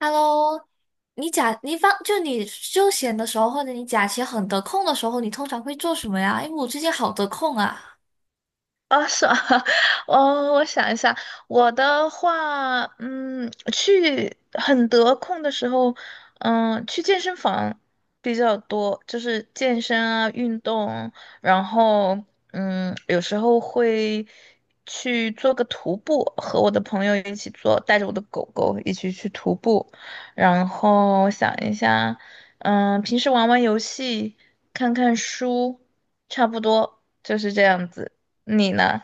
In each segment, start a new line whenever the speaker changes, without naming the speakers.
Hello，你假你放就你休闲的时候，或者你假期很得空的时候，你通常会做什么呀？因为我最近好得空啊。
啊，是啊，我想一下。我的话，去很得空的时候，去健身房比较多，就是健身啊，运动。然后，有时候会去做个徒步，和我的朋友一起做，带着我的狗狗一起去徒步。然后想一下，平时玩玩游戏，看看书，差不多就是这样子。你呢？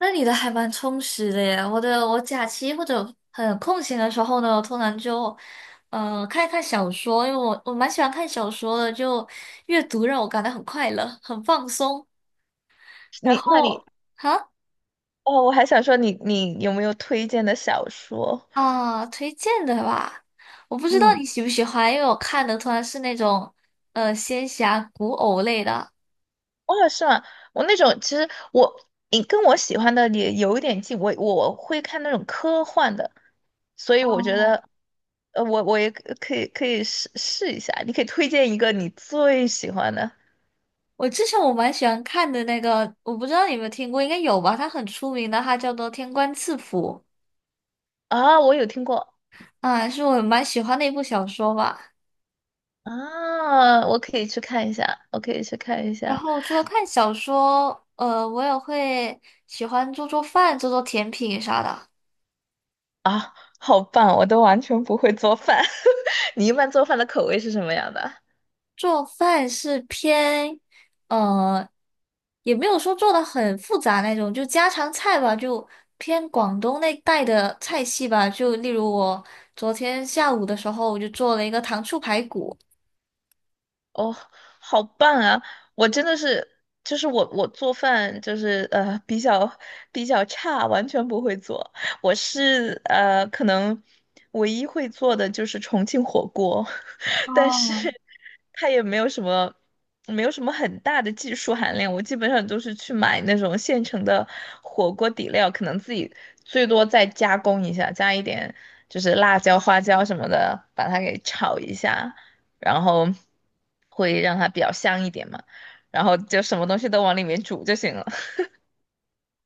那你的还蛮充实的耶。我假期或者很空闲的时候呢，我通常就看一看小说，因为我蛮喜欢看小说的，就阅读让我感到很快乐，很放松。然
你那你
后哈
哦，我还想说你有没有推荐的小说？
啊，推荐的吧，我不知道
嗯，
你喜不喜欢，因为我看的通常是那种仙侠古偶类的。
哦，是吗？我那种，其实，你跟我喜欢的也有一点近，我会看那种科幻的。所以我觉得，我也可以试试一下。你可以推荐一个你最喜欢的。
我之前蛮喜欢看的那个，我不知道你有没有听过，应该有吧？它很出名的，它叫做《天官赐福》
啊，我有听过。
啊，是我蛮喜欢的一部小说吧。
啊，我可以去看一下，我可以去看一
然
下。
后除了看小说，我也会喜欢做做饭、做做甜品啥的。
啊，好棒，我都完全不会做饭。你一般做饭的口味是什么样的？
做饭是偏，呃，也没有说做的很复杂那种，就家常菜吧，就偏广东那带的菜系吧。就例如我昨天下午的时候，我就做了一个糖醋排骨。
哦，好棒啊！我真的是，就是我做饭就是比较差，完全不会做。我是可能唯一会做的就是重庆火锅。但是
哦
它也没有什么很大的技术含量。我基本上都是去买那种现成的火锅底料，可能自己最多再加工一下，加一点就是辣椒、花椒什么的，把它给炒一下。然后会让它比较香一点嘛，然后就什么东西都往里面煮就行了。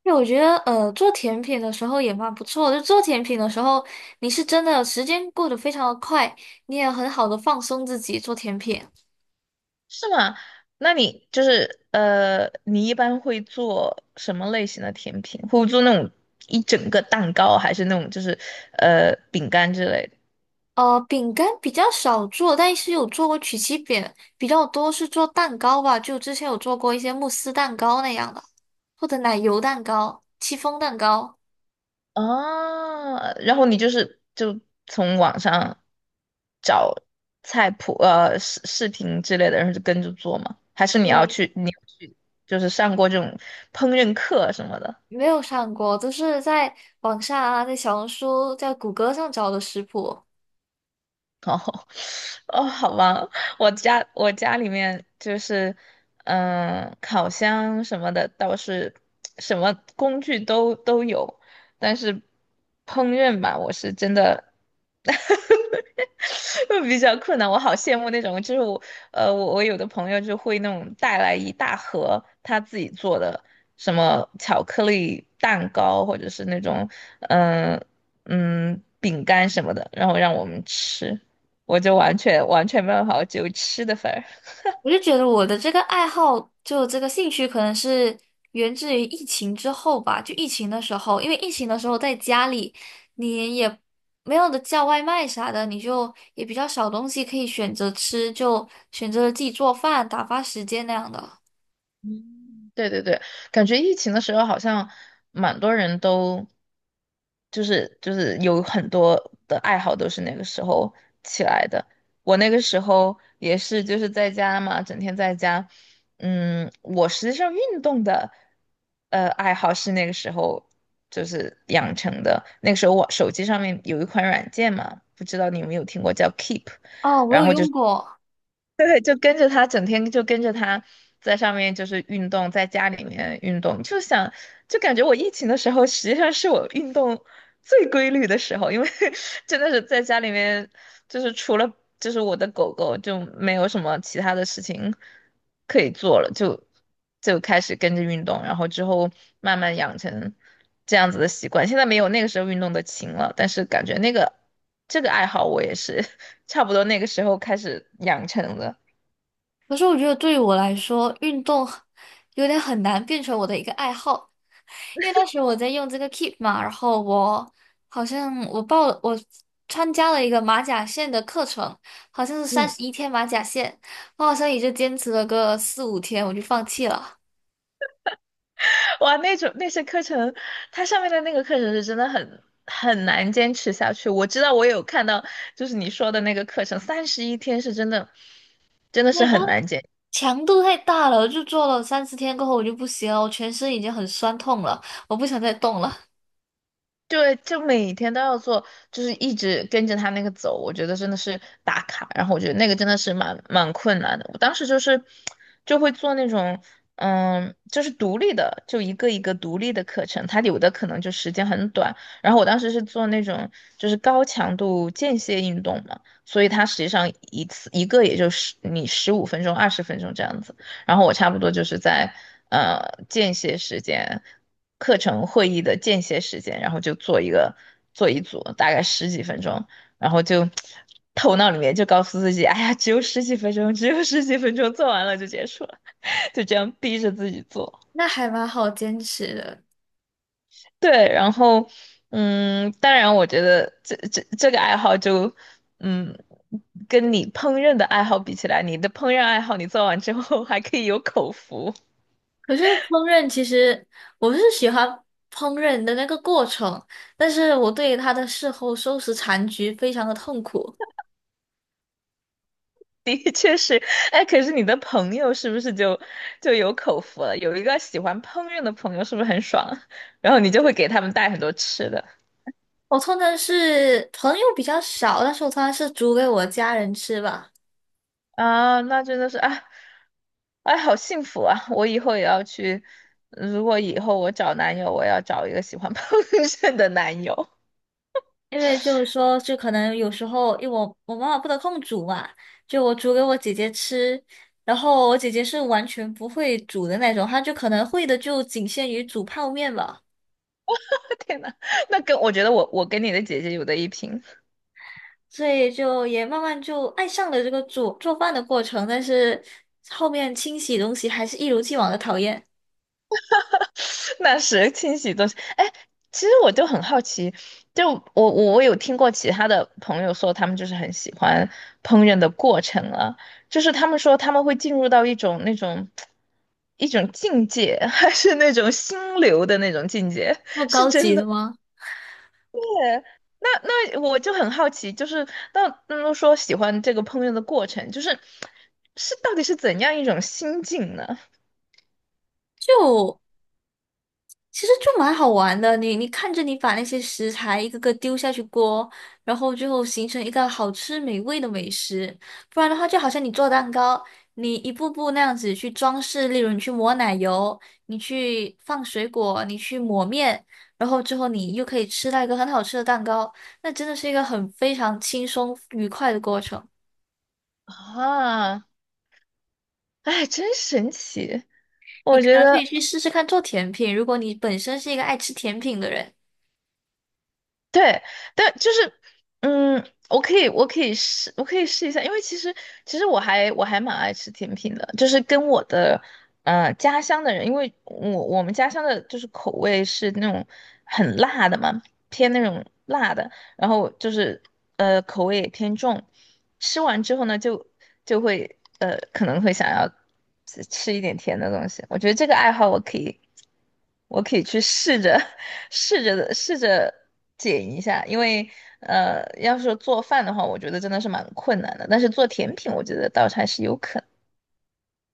对，我觉得做甜品的时候也蛮不错的。就做甜品的时候，你是真的时间过得非常的快，你也很好的放松自己做甜品。
是吗？那你就是，你一般会做什么类型的甜品？会做那种一整个蛋糕，还是那种就是饼干之类的？
呃，饼干比较少做，但是有做过曲奇饼，比较多是做蛋糕吧。就之前有做过一些慕斯蛋糕那样的，或者奶油蛋糕、戚风蛋糕。
啊，然后你就是从网上找菜谱，视频之类的，然后就跟着做吗？还是你要
对，
去你要去就是上过这种烹饪课什么的？
没有上过，都是在网上啊，在小红书、在谷歌上找的食谱。
哦。哦，好吧，我家里面就是，烤箱什么的倒是什么工具都有，但是烹饪吧，我是真的 比较困难。我好羡慕那种，就是我，我有的朋友就会那种带来一大盒他自己做的什么巧克力蛋糕，或者是那种，嗯、饼干什么的，然后让我们吃。我就完全完全没有好，法，我只有吃的份儿。
我就觉得我的这个爱好，就这个兴趣，可能是源自于疫情之后吧。就疫情的时候，因为疫情的时候在家里，你也没有的叫外卖啥的，你就也比较少东西可以选择吃，就选择了自己做饭，打发时间那样的。
嗯，对对对，感觉疫情的时候好像蛮多人都就是有很多的爱好都是那个时候起来的。我那个时候也是就是在家嘛，整天在家。我实际上运动的爱好是那个时候就是养成的。那个时候我手机上面有一款软件嘛，不知道你有没有听过叫 Keep。
哦，我
然
有
后就
用过，
对，就跟着他，整天就跟着他在上面就是运动，在家里面运动，就感觉我疫情的时候实际上是我运动最规律的时候。因为 真的是在家里面，就是除了就是我的狗狗，就没有什么其他的事情可以做了，就开始跟着运动。然后之后慢慢养成这样子的习惯。现在没有那个时候运动的勤了，但是感觉那个。这个爱好我也是 差不多那个时候开始养成的。
可是我觉得对于我来说，运动 有点很难变成我的一个爱好，因为当时我在用这个 Keep 嘛，然后我好像我报了，我参加了一个马甲线的课程，好像是三
嗯。
十一天马甲线，我好像也就坚持了个4、5天，我就放弃了。
哇，那种那些课程，它上面的那个课程是真的很难坚持下去。我知道我有看到，就是你说的那个课程，31天是真的，真的
因
是
为它
很难坚。
强度太大了，我就做了3、4天过后我就不行了，我全身已经很酸痛了，我不想再动了。
对，就每天都要做，就是一直跟着他那个走，我觉得真的是打卡。然后我觉得那个真的是蛮困难的。我当时就是就会做那种，就是独立的，就一个一个独立的课程，它有的可能就时间很短。然后我当时是做那种就是高强度间歇运动嘛，所以它实际上一次一个也就是你15分钟、20分钟这样子。然后我差不多就是在呃间歇时间，课程会议的间歇时间，然后就做一组，大概十几分钟。然后就头脑里面就告诉自己，哎呀，只有十几分钟，只有十几分钟，做完了就结束了。就这样逼着自己做。
那还蛮好坚持的。
对，然后当然我觉得这个爱好就嗯。跟你烹饪的爱好比起来，你的烹饪爱好你做完之后还可以有口福。
可是烹饪其实我是喜欢烹饪的那个过程，但是我对它的事后收拾残局非常的痛苦。
的 确是。哎，可是你的朋友是不是就有口福了？有一个喜欢烹饪的朋友，是不是很爽啊？然后你就会给他们带很多吃的。
我通常是朋友比较少，但是我通常是煮给我家人吃吧，
啊，那真的是啊。哎，好幸福啊！我以后也要去，如果以后我找男友，我要找一个喜欢 烹饪的男友。
因为就是说，就可能有时候，因为我妈妈不得空煮嘛，就我煮给我姐姐吃，然后我姐姐是完全不会煮的那种，她就可能会的就仅限于煮泡面吧，
天呐，那跟我觉得我跟你的姐姐有的一拼。
所以就也慢慢就爱上了这个煮做饭的过程，但是后面清洗东西还是一如既往的讨厌，
那是清洗东西。哎，其实我就很好奇，就我有听过其他的朋友说，他们就是很喜欢烹饪的过程啊，就是他们说他们会进入到一种境界。还是那种心流的那种境界，
那么
是
高
真
级
的
的
吗？
吗？
那我就很好奇，就是那么说喜欢这个烹饪的过程，到底是怎样一种心境呢？
就。其实就蛮好玩的，你看着你把那些食材一个个丢下去锅，然后最后形成一个好吃美味的美食。不然的话，就好像你做蛋糕，你一步步那样子去装饰，例如你去抹奶油，你去放水果，你去抹面，然后之后你又可以吃到一个很好吃的蛋糕，那真的是一个很非常轻松愉快的过程。
啊。哎，真神奇。
你
我
可
觉
能可以
得，
去试试看做甜品，如果你本身是一个爱吃甜品的人。
对，但就是，我可以试一下，因为其实，我还蛮爱吃甜品的，就是跟我的家乡的人。因为我们家乡的就是口味是那种很辣的嘛，偏那种辣的，然后就是口味也偏重，吃完之后呢，就会可能会想要吃一点甜的东西。我觉得这个爱好我可以，去试着 试着的试着减一下，因为要是做饭的话，我觉得真的是蛮困难的。但是做甜品，我觉得倒是还是有可能。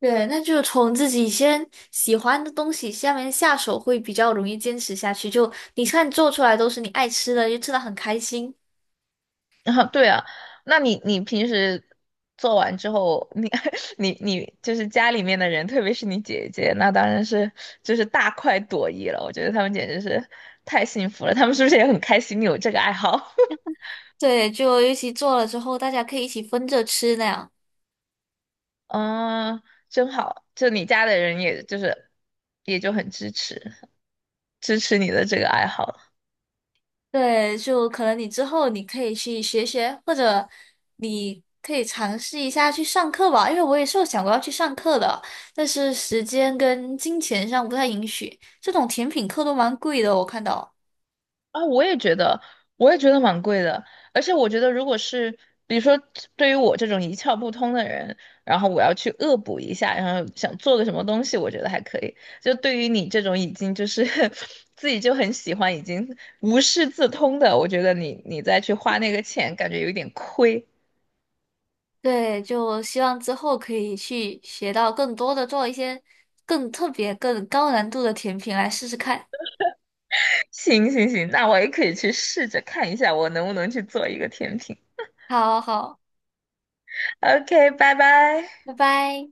对，那就从自己先喜欢的东西下面下手，会比较容易坚持下去。就你看做出来都是你爱吃的，就吃的很开心。
啊，对啊，那你平时做完之后，你 你就是家里面的人，特别是你姐姐，那当然是就是大快朵颐了。我觉得他们简直是太幸福了，他们是不是也很开心你有这个爱好？
对，就尤其做了之后，大家可以一起分着吃那样。
嗯，真好，就你家的人也就很支持你的这个爱好。
对，就可能你之后你可以去学学，或者你可以尝试一下去上课吧，因为我也是有想过要去上课的，但是时间跟金钱上不太允许。这种甜品课都蛮贵的，我看到。
啊，我也觉得，我也觉得蛮贵的。而且我觉得，如果是比如说，对于我这种一窍不通的人，然后我要去恶补一下，然后想做个什么东西，我觉得还可以。就对于你这种已经就是 自己就很喜欢，已经无师自通的，我觉得你再去花那个钱，感觉有点亏。
对，就希望之后可以去学到更多的，做一些更特别、更高难度的甜品来试试看。
行行行，那我也可以去试着看一下，我能不能去做一个甜品。
好好，
OK，拜拜。
拜拜。